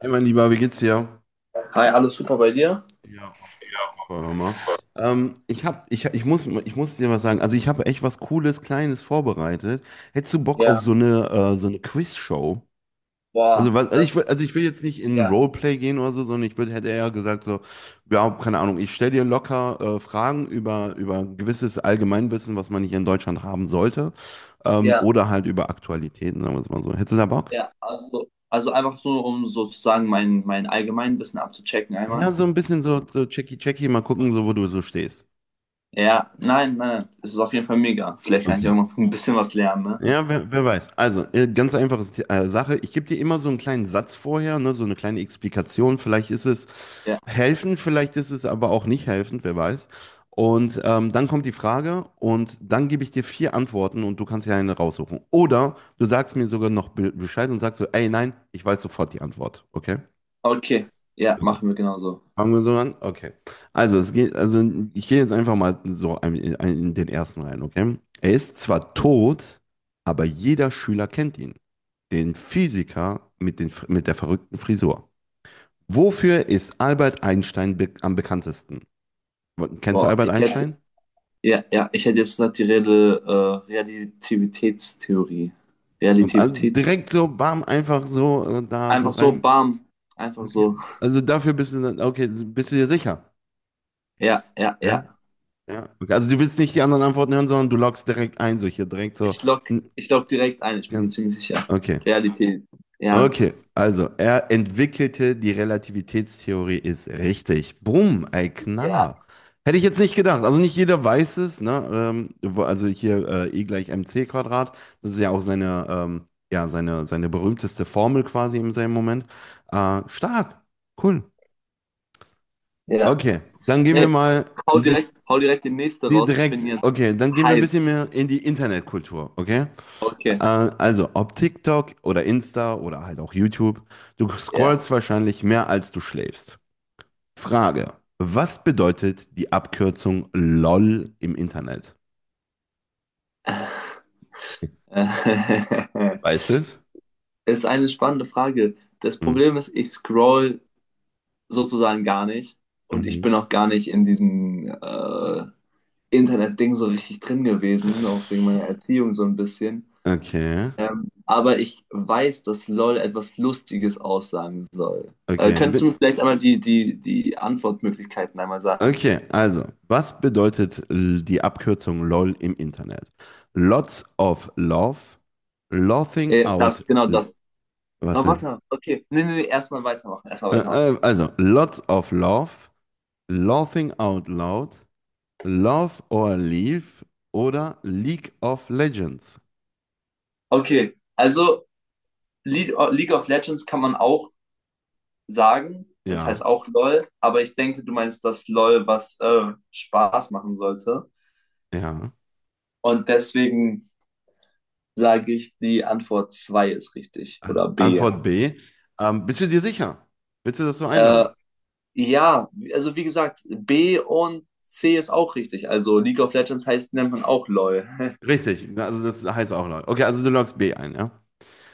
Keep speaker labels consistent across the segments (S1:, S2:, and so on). S1: Hey mein Lieber, wie geht's dir?
S2: Hi, alles super bei dir?
S1: Ja, auch. Boah, hör mal. Ich hab, ich muss dir was sagen. Also ich habe echt was Cooles, Kleines vorbereitet. Hättest du Bock auf
S2: Ja,
S1: so eine Quiz-Show?
S2: boah,
S1: Also, also, also ich will jetzt nicht in
S2: ja,
S1: Roleplay gehen oder so, sondern hätte eher gesagt so, ja, keine Ahnung, ich stelle dir locker Fragen über gewisses Allgemeinwissen, was man hier in Deutschland haben sollte.
S2: ja,
S1: Oder halt über Aktualitäten, sagen wir es mal so. Hättest du da Bock?
S2: ja, also einfach so, um sozusagen mein allgemein Wissen abzuchecken
S1: Ja,
S2: einmal.
S1: so ein bisschen so, so checky checky, mal gucken, so wo du so stehst.
S2: Ja, nein, nein, es ist auf jeden Fall mega. Vielleicht kann ich
S1: Okay.
S2: auch noch ein bisschen was lernen, ne?
S1: Ja, wer weiß. Also, ganz einfache Sache. Ich gebe dir immer so einen kleinen Satz vorher, ne, so eine kleine Explikation. Vielleicht ist es
S2: Ja,
S1: helfend, vielleicht ist es aber auch nicht helfend, wer weiß. Und dann kommt die Frage und dann gebe ich dir vier Antworten und du kannst dir eine raussuchen. Oder du sagst mir sogar noch be Bescheid und sagst so, ey, nein, ich weiß sofort die Antwort. Okay?
S2: okay, ja,
S1: Okay.
S2: machen wir genauso.
S1: Fangen wir so an? Okay. Also, also ich gehe jetzt einfach mal so in den ersten rein, okay? Er ist zwar tot, aber jeder Schüler kennt ihn. Den Physiker mit der verrückten Frisur. Wofür ist Albert Einstein be am bekanntesten? Kennst du
S2: Boah,
S1: Albert Einstein?
S2: ja, ja, ich hätte jetzt gesagt, Relativitätstheorie.
S1: Und also
S2: Relativitäts,
S1: direkt so, bam, einfach so da so
S2: Einfach so,
S1: rein.
S2: bam, einfach so.
S1: Okay. Also dafür bist du dann, okay, bist du dir sicher?
S2: Ja, ja, ja.
S1: Ja? Ja. Okay. Also du willst nicht die anderen Antworten hören, sondern du loggst direkt ein, so hier direkt so.
S2: Ich lock direkt ein, ich bin mir
S1: n-
S2: ziemlich sicher.
S1: Okay,
S2: Realität. Ja,
S1: okay. Also, er entwickelte die Relativitätstheorie, ist richtig. Bumm, ey,
S2: ja,
S1: Knaller. Hätte ich jetzt nicht gedacht. Also nicht jeder weiß es, ne? Also hier E gleich mc Quadrat. Das ist ja auch seine, ja, seine berühmteste Formel quasi im seinem Moment. Stark, cool.
S2: ja.
S1: Okay, dann gehen wir
S2: Nee,
S1: mal
S2: hau
S1: ein
S2: direkt,
S1: bisschen
S2: hau direkt den nächsten raus. Ich bin
S1: direkt,
S2: jetzt
S1: okay, dann gehen wir ein bisschen
S2: heiß.
S1: mehr in die Internetkultur, okay?
S2: Okay,
S1: Also, ob TikTok oder Insta oder halt auch YouTube, du
S2: ja.
S1: scrollst wahrscheinlich mehr als du schläfst. Frage, was bedeutet die Abkürzung LOL im Internet? Weißt du es?
S2: Ist eine spannende Frage. Das
S1: Hm,
S2: Problem ist, ich scroll sozusagen gar nicht und ich
S1: Mhm.
S2: bin auch gar nicht in diesem Internet-Ding so richtig drin gewesen, auch wegen meiner Erziehung so ein bisschen.
S1: Okay,
S2: Aber ich weiß, dass LOL etwas Lustiges aussagen soll.
S1: okay.
S2: Könntest du mir vielleicht einmal die Antwortmöglichkeiten einmal sagen?
S1: Okay, also, was bedeutet die Abkürzung LOL im Internet? Lots of love, laughing out,
S2: Genau
S1: l-
S2: das.
S1: was
S2: Aber
S1: denn?
S2: warte, okay. Nee, nee, nee, erstmal weitermachen. Erstmal weitermachen.
S1: Also, lots of love, laughing out loud, Love or Leave oder League of Legends?
S2: Okay, also Le League of Legends kann man auch sagen. Das heißt
S1: Ja,
S2: auch LOL. Aber ich denke, du meinst das LOL, was Spaß machen sollte.
S1: ja.
S2: Und deswegen sage ich, die Antwort 2 ist richtig.
S1: Also
S2: Oder B.
S1: Antwort B. Bist du dir sicher? Willst du das so
S2: Äh,
S1: einloggen?
S2: Ja, also wie gesagt, B und C ist auch richtig. Also League of Legends heißt, nennt man auch LOL.
S1: Richtig, also das heißt auch log. Okay, also du loggst B ein, ja?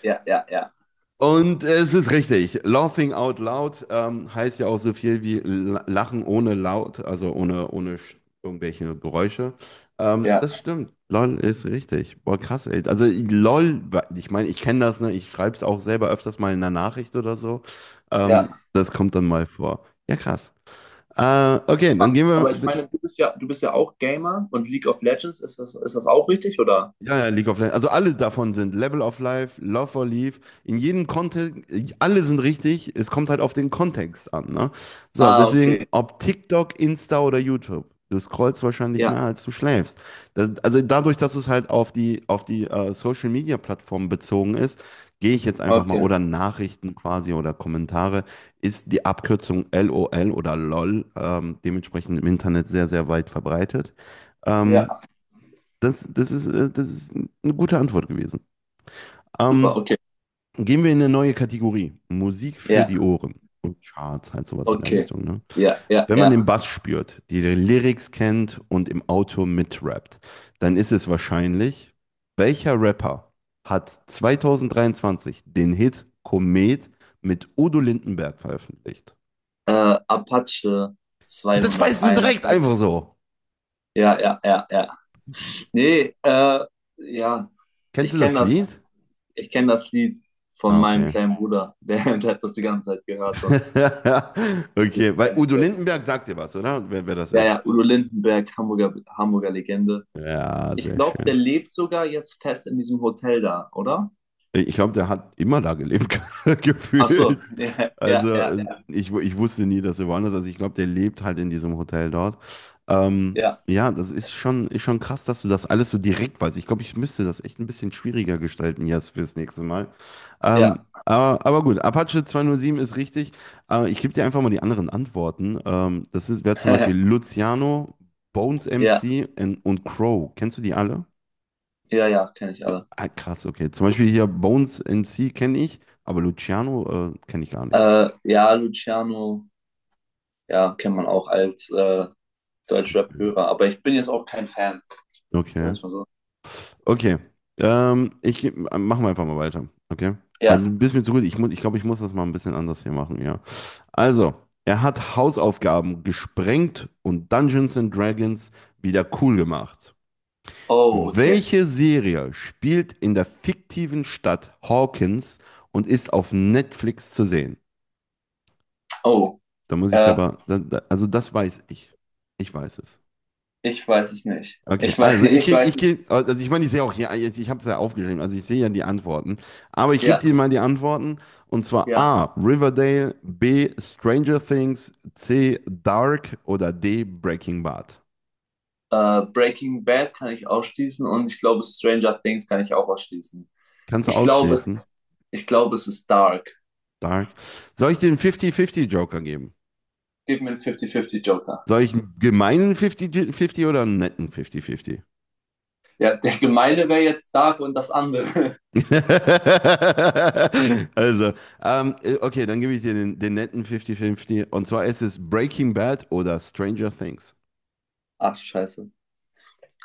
S2: Ja, ja, ja.
S1: Und es ist richtig. Laughing out loud heißt ja auch so viel wie Lachen ohne laut, also ohne sch- irgendwelche Geräusche.
S2: Ja,
S1: Das stimmt. LOL ist richtig. Boah, krass, ey. LOL, ich meine, ich kenne das, ne? Ich schreibe es auch selber öfters mal in einer Nachricht oder so.
S2: ja.
S1: Das kommt dann mal vor. Ja, krass. Okay, dann
S2: Aber,
S1: gehen wir.
S2: aber ich meine, du bist ja auch Gamer und League of Legends, ist das auch richtig, oder?
S1: Ja, ja, League of Legends. Also alle davon sind Level of Life, Love or Leave. In jedem Kontext, alle sind richtig. Es kommt halt auf den Kontext an, ne? So,
S2: Ah,
S1: deswegen,
S2: okay.
S1: ob TikTok, Insta oder YouTube. Du scrollst wahrscheinlich mehr,
S2: Ja,
S1: als du schläfst. Das, also dadurch, dass es halt auf auf die Social Media Plattformen bezogen ist, gehe ich jetzt einfach mal,
S2: okay.
S1: oder Nachrichten quasi oder Kommentare, ist die Abkürzung LOL oder LOL dementsprechend im Internet sehr, sehr weit verbreitet.
S2: Ja,
S1: Ähm, das ist eine gute Antwort gewesen.
S2: super,
S1: Ähm,
S2: okay.
S1: Gehen wir in eine neue Kategorie. Musik für die
S2: Ja,
S1: Ohren. Und Charts, halt sowas in der
S2: okay.
S1: Richtung. Ne?
S2: Ja, ja,
S1: Wenn man
S2: ja.
S1: den Bass spürt, die Lyrics kennt und im Auto mitrappt, dann ist es wahrscheinlich, welcher Rapper hat 2023 den Hit Komet mit Udo Lindenberg veröffentlicht?
S2: Apache
S1: Das weißt du
S2: 201.
S1: direkt einfach so.
S2: Ja, ja, ja, ja. Nee, ja,
S1: Kennst
S2: ich
S1: du
S2: kenne
S1: das
S2: das,
S1: Lied?
S2: ich kenne das Lied von
S1: Ah,
S2: meinem
S1: okay.
S2: kleinen Bruder. Der hat das die ganze Zeit gehört und deswegen
S1: Okay, weil
S2: kenn ich
S1: Udo
S2: das.
S1: Lindenberg sagt dir was, oder? Wer das
S2: Ja,
S1: ist.
S2: ja, Udo Lindenberg, Hamburger, Hamburger Legende.
S1: Ja,
S2: Ich
S1: sehr
S2: glaube, der
S1: schön.
S2: lebt sogar jetzt fest in diesem Hotel da, oder?
S1: Ich glaube, der hat immer da gelebt,
S2: Ach so,
S1: gefühlt.
S2: ja,
S1: Also
S2: ja, ja,
S1: ich wusste nie, dass er woanders ist. Also ich glaube, der lebt halt in diesem Hotel dort.
S2: ja,
S1: Ja, das ist schon krass, dass du das alles so direkt weißt. Ich glaube, ich müsste das echt ein bisschen schwieriger gestalten jetzt fürs nächste Mal.
S2: ja,
S1: Ähm,
S2: ja,
S1: aber gut, Apache 207 ist richtig. Ich gebe dir einfach mal die anderen Antworten. Wäre zum Beispiel Luciano, Bones
S2: ja,
S1: MC und Crow. Kennst du die alle?
S2: ja, ja, kenne ich alle.
S1: Ah, krass, okay. Zum Beispiel hier Bones MC kenne ich, aber Luciano kenne ich gar nicht.
S2: Ja, Luciano, ja, kennt man auch als Deutschrap-Hörer, aber ich bin jetzt auch kein Fan, sagen
S1: Okay.
S2: wir mal so.
S1: Okay. Ich machen wir einfach mal weiter. Okay. Weil du
S2: Ja,
S1: bist mir zu gut. Ich muss, ich glaube, ich muss das mal ein bisschen anders hier machen, ja. Also, er hat Hausaufgaben gesprengt und Dungeons and Dragons wieder cool gemacht.
S2: oh, okay,
S1: Welche Serie spielt in der fiktiven Stadt Hawkins und ist auf Netflix zu sehen?
S2: oh,
S1: Da muss ich
S2: äh,
S1: aber, also das weiß ich. Ich weiß es.
S2: ich weiß es nicht.
S1: Okay,
S2: Ich weiß,
S1: also
S2: ich
S1: ich
S2: weiß.
S1: krieg, also ich meine, ich sehe auch hier, ich habe es ja aufgeschrieben, also ich sehe ja die Antworten, aber ich gebe
S2: Ja,
S1: dir mal die Antworten und zwar
S2: ja.
S1: A, Riverdale, B, Stranger Things, C, Dark oder D, Breaking Bad.
S2: Breaking Bad kann ich ausschließen und ich glaube Stranger Things kann ich auch ausschließen.
S1: Kannst du
S2: Ich glaube, es
S1: ausschließen?
S2: ist, Ich glaube, es ist Dark.
S1: Dark. Soll ich dir einen 50-50 Joker geben?
S2: Gib mir einen 50-50 Joker.
S1: Soll ich einen gemeinen 50-50 oder einen netten 50-50?
S2: Ja, der gemeine wäre jetzt Dark und das andere.
S1: Also, okay, dann gebe ich dir den netten 50-50. Und zwar ist es Breaking Bad oder Stranger Things.
S2: Ach, scheiße.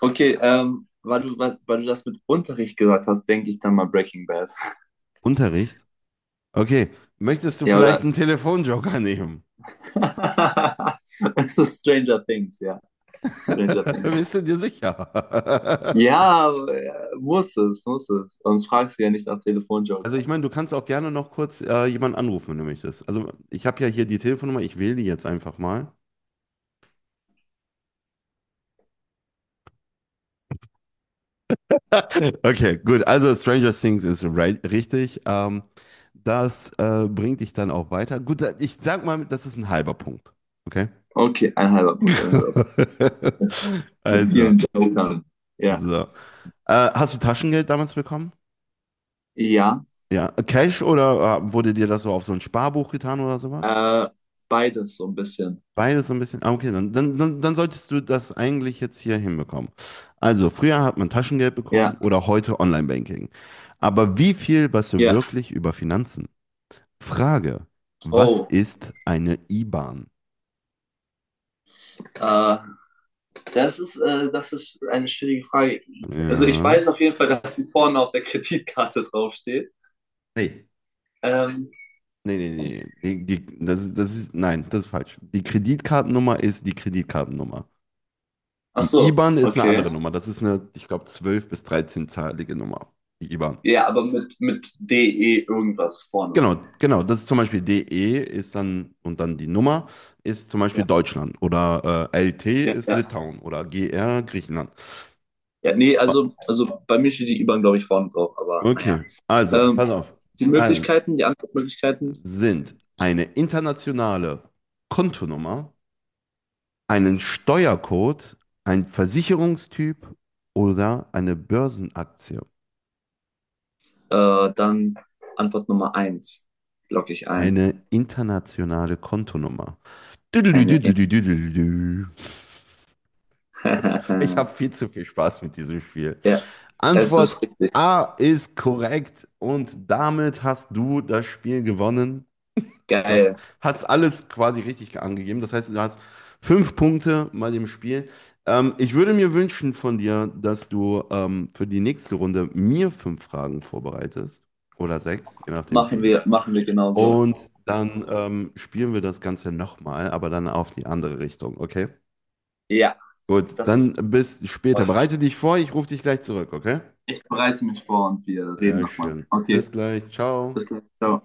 S2: Okay, weil du das mit Unterricht gesagt hast, denke ich dann mal Breaking Bad.
S1: Unterricht? Okay. Möchtest du
S2: Ja,
S1: vielleicht
S2: oder?
S1: einen Telefonjoker nehmen?
S2: Es ist Stranger Things, ja. Stranger Things.
S1: Bist du dir sicher?
S2: Ja, muss es, muss es. Sonst fragst du ja nicht nach
S1: Also
S2: Telefonjoker.
S1: ich meine, du kannst auch gerne noch kurz jemanden anrufen, wenn du möchtest. Also ich habe ja hier die Telefonnummer, ich wähle die jetzt einfach mal. Okay, gut. Also Stranger Things ist richtig. Das bringt dich dann auch weiter. Gut, ich sag mal, das ist ein halber Punkt. Okay?
S2: Okay, ein halber Punkt, ein halber. Mit
S1: Also,
S2: vielen Jokern. Ja.
S1: so. Hast du Taschengeld damals bekommen?
S2: Ja.
S1: Ja, Cash oder wurde dir das so auf so ein Sparbuch getan oder sowas?
S2: Äh, Beides so ein bisschen.
S1: Beides so ein bisschen. Ah, okay, dann solltest du das eigentlich jetzt hier hinbekommen. Also, früher hat man Taschengeld bekommen
S2: Ja.
S1: oder heute Online-Banking. Aber wie viel weißt du
S2: Ja.
S1: wirklich über Finanzen? Frage, was
S2: Oh.
S1: ist eine IBAN?
S2: Äh, das ist eine schwierige Frage. Also ich
S1: Ja.
S2: weiß auf jeden Fall, dass sie vorne auf der Kreditkarte draufsteht.
S1: Nee,
S2: Ähm,
S1: Nee. Das ist, nein, das ist falsch. Die Kreditkartennummer ist die Kreditkartennummer.
S2: Ach
S1: Die
S2: so,
S1: IBAN ist eine
S2: okay.
S1: andere Nummer. Das ist eine, ich glaube, zwölf bis 13-zahlige Nummer. Die IBAN.
S2: Ja, aber mit DE irgendwas vorne.
S1: Genau, genau. Das ist zum Beispiel DE ist dann und dann die Nummer ist zum Beispiel
S2: Ja,
S1: Deutschland oder LT
S2: ja,
S1: ist
S2: ja.
S1: Litauen oder GR Griechenland.
S2: Ja, nee, also,
S1: O-
S2: also bei mir steht die IBAN, glaube ich, vorne drauf, aber naja.
S1: Okay, also,
S2: Ähm,
S1: pass auf. Also
S2: Die Antwortmöglichkeiten.
S1: sind eine internationale Kontonummer, einen Steuercode, ein Versicherungstyp oder eine Börsenaktie.
S2: Dann Antwort Nummer eins logge ich ein.
S1: Eine internationale Kontonummer.
S2: Eine In
S1: Ich habe viel zu viel Spaß mit diesem Spiel.
S2: Ja, es
S1: Antwort
S2: ist richtig.
S1: A ist korrekt und damit hast du das Spiel gewonnen. Du hast,
S2: Geil.
S1: hast alles quasi richtig angegeben. Das heißt, du hast fünf Punkte bei dem Spiel. Ich würde mir wünschen von dir, dass du für die nächste Runde mir fünf Fragen vorbereitest oder sechs, je nachdem
S2: Machen
S1: wie.
S2: wir, machen wir genau so.
S1: Und dann spielen wir das Ganze nochmal, aber dann auf die andere Richtung, okay?
S2: Ja,
S1: Gut,
S2: das ist
S1: dann bis später.
S2: toll.
S1: Bereite dich vor, ich rufe dich gleich zurück, okay?
S2: Ich bereite mich vor und wir reden
S1: Sehr
S2: nochmal.
S1: schön. Bis
S2: Okay,
S1: gleich, ciao.
S2: bis gleich. Ciao.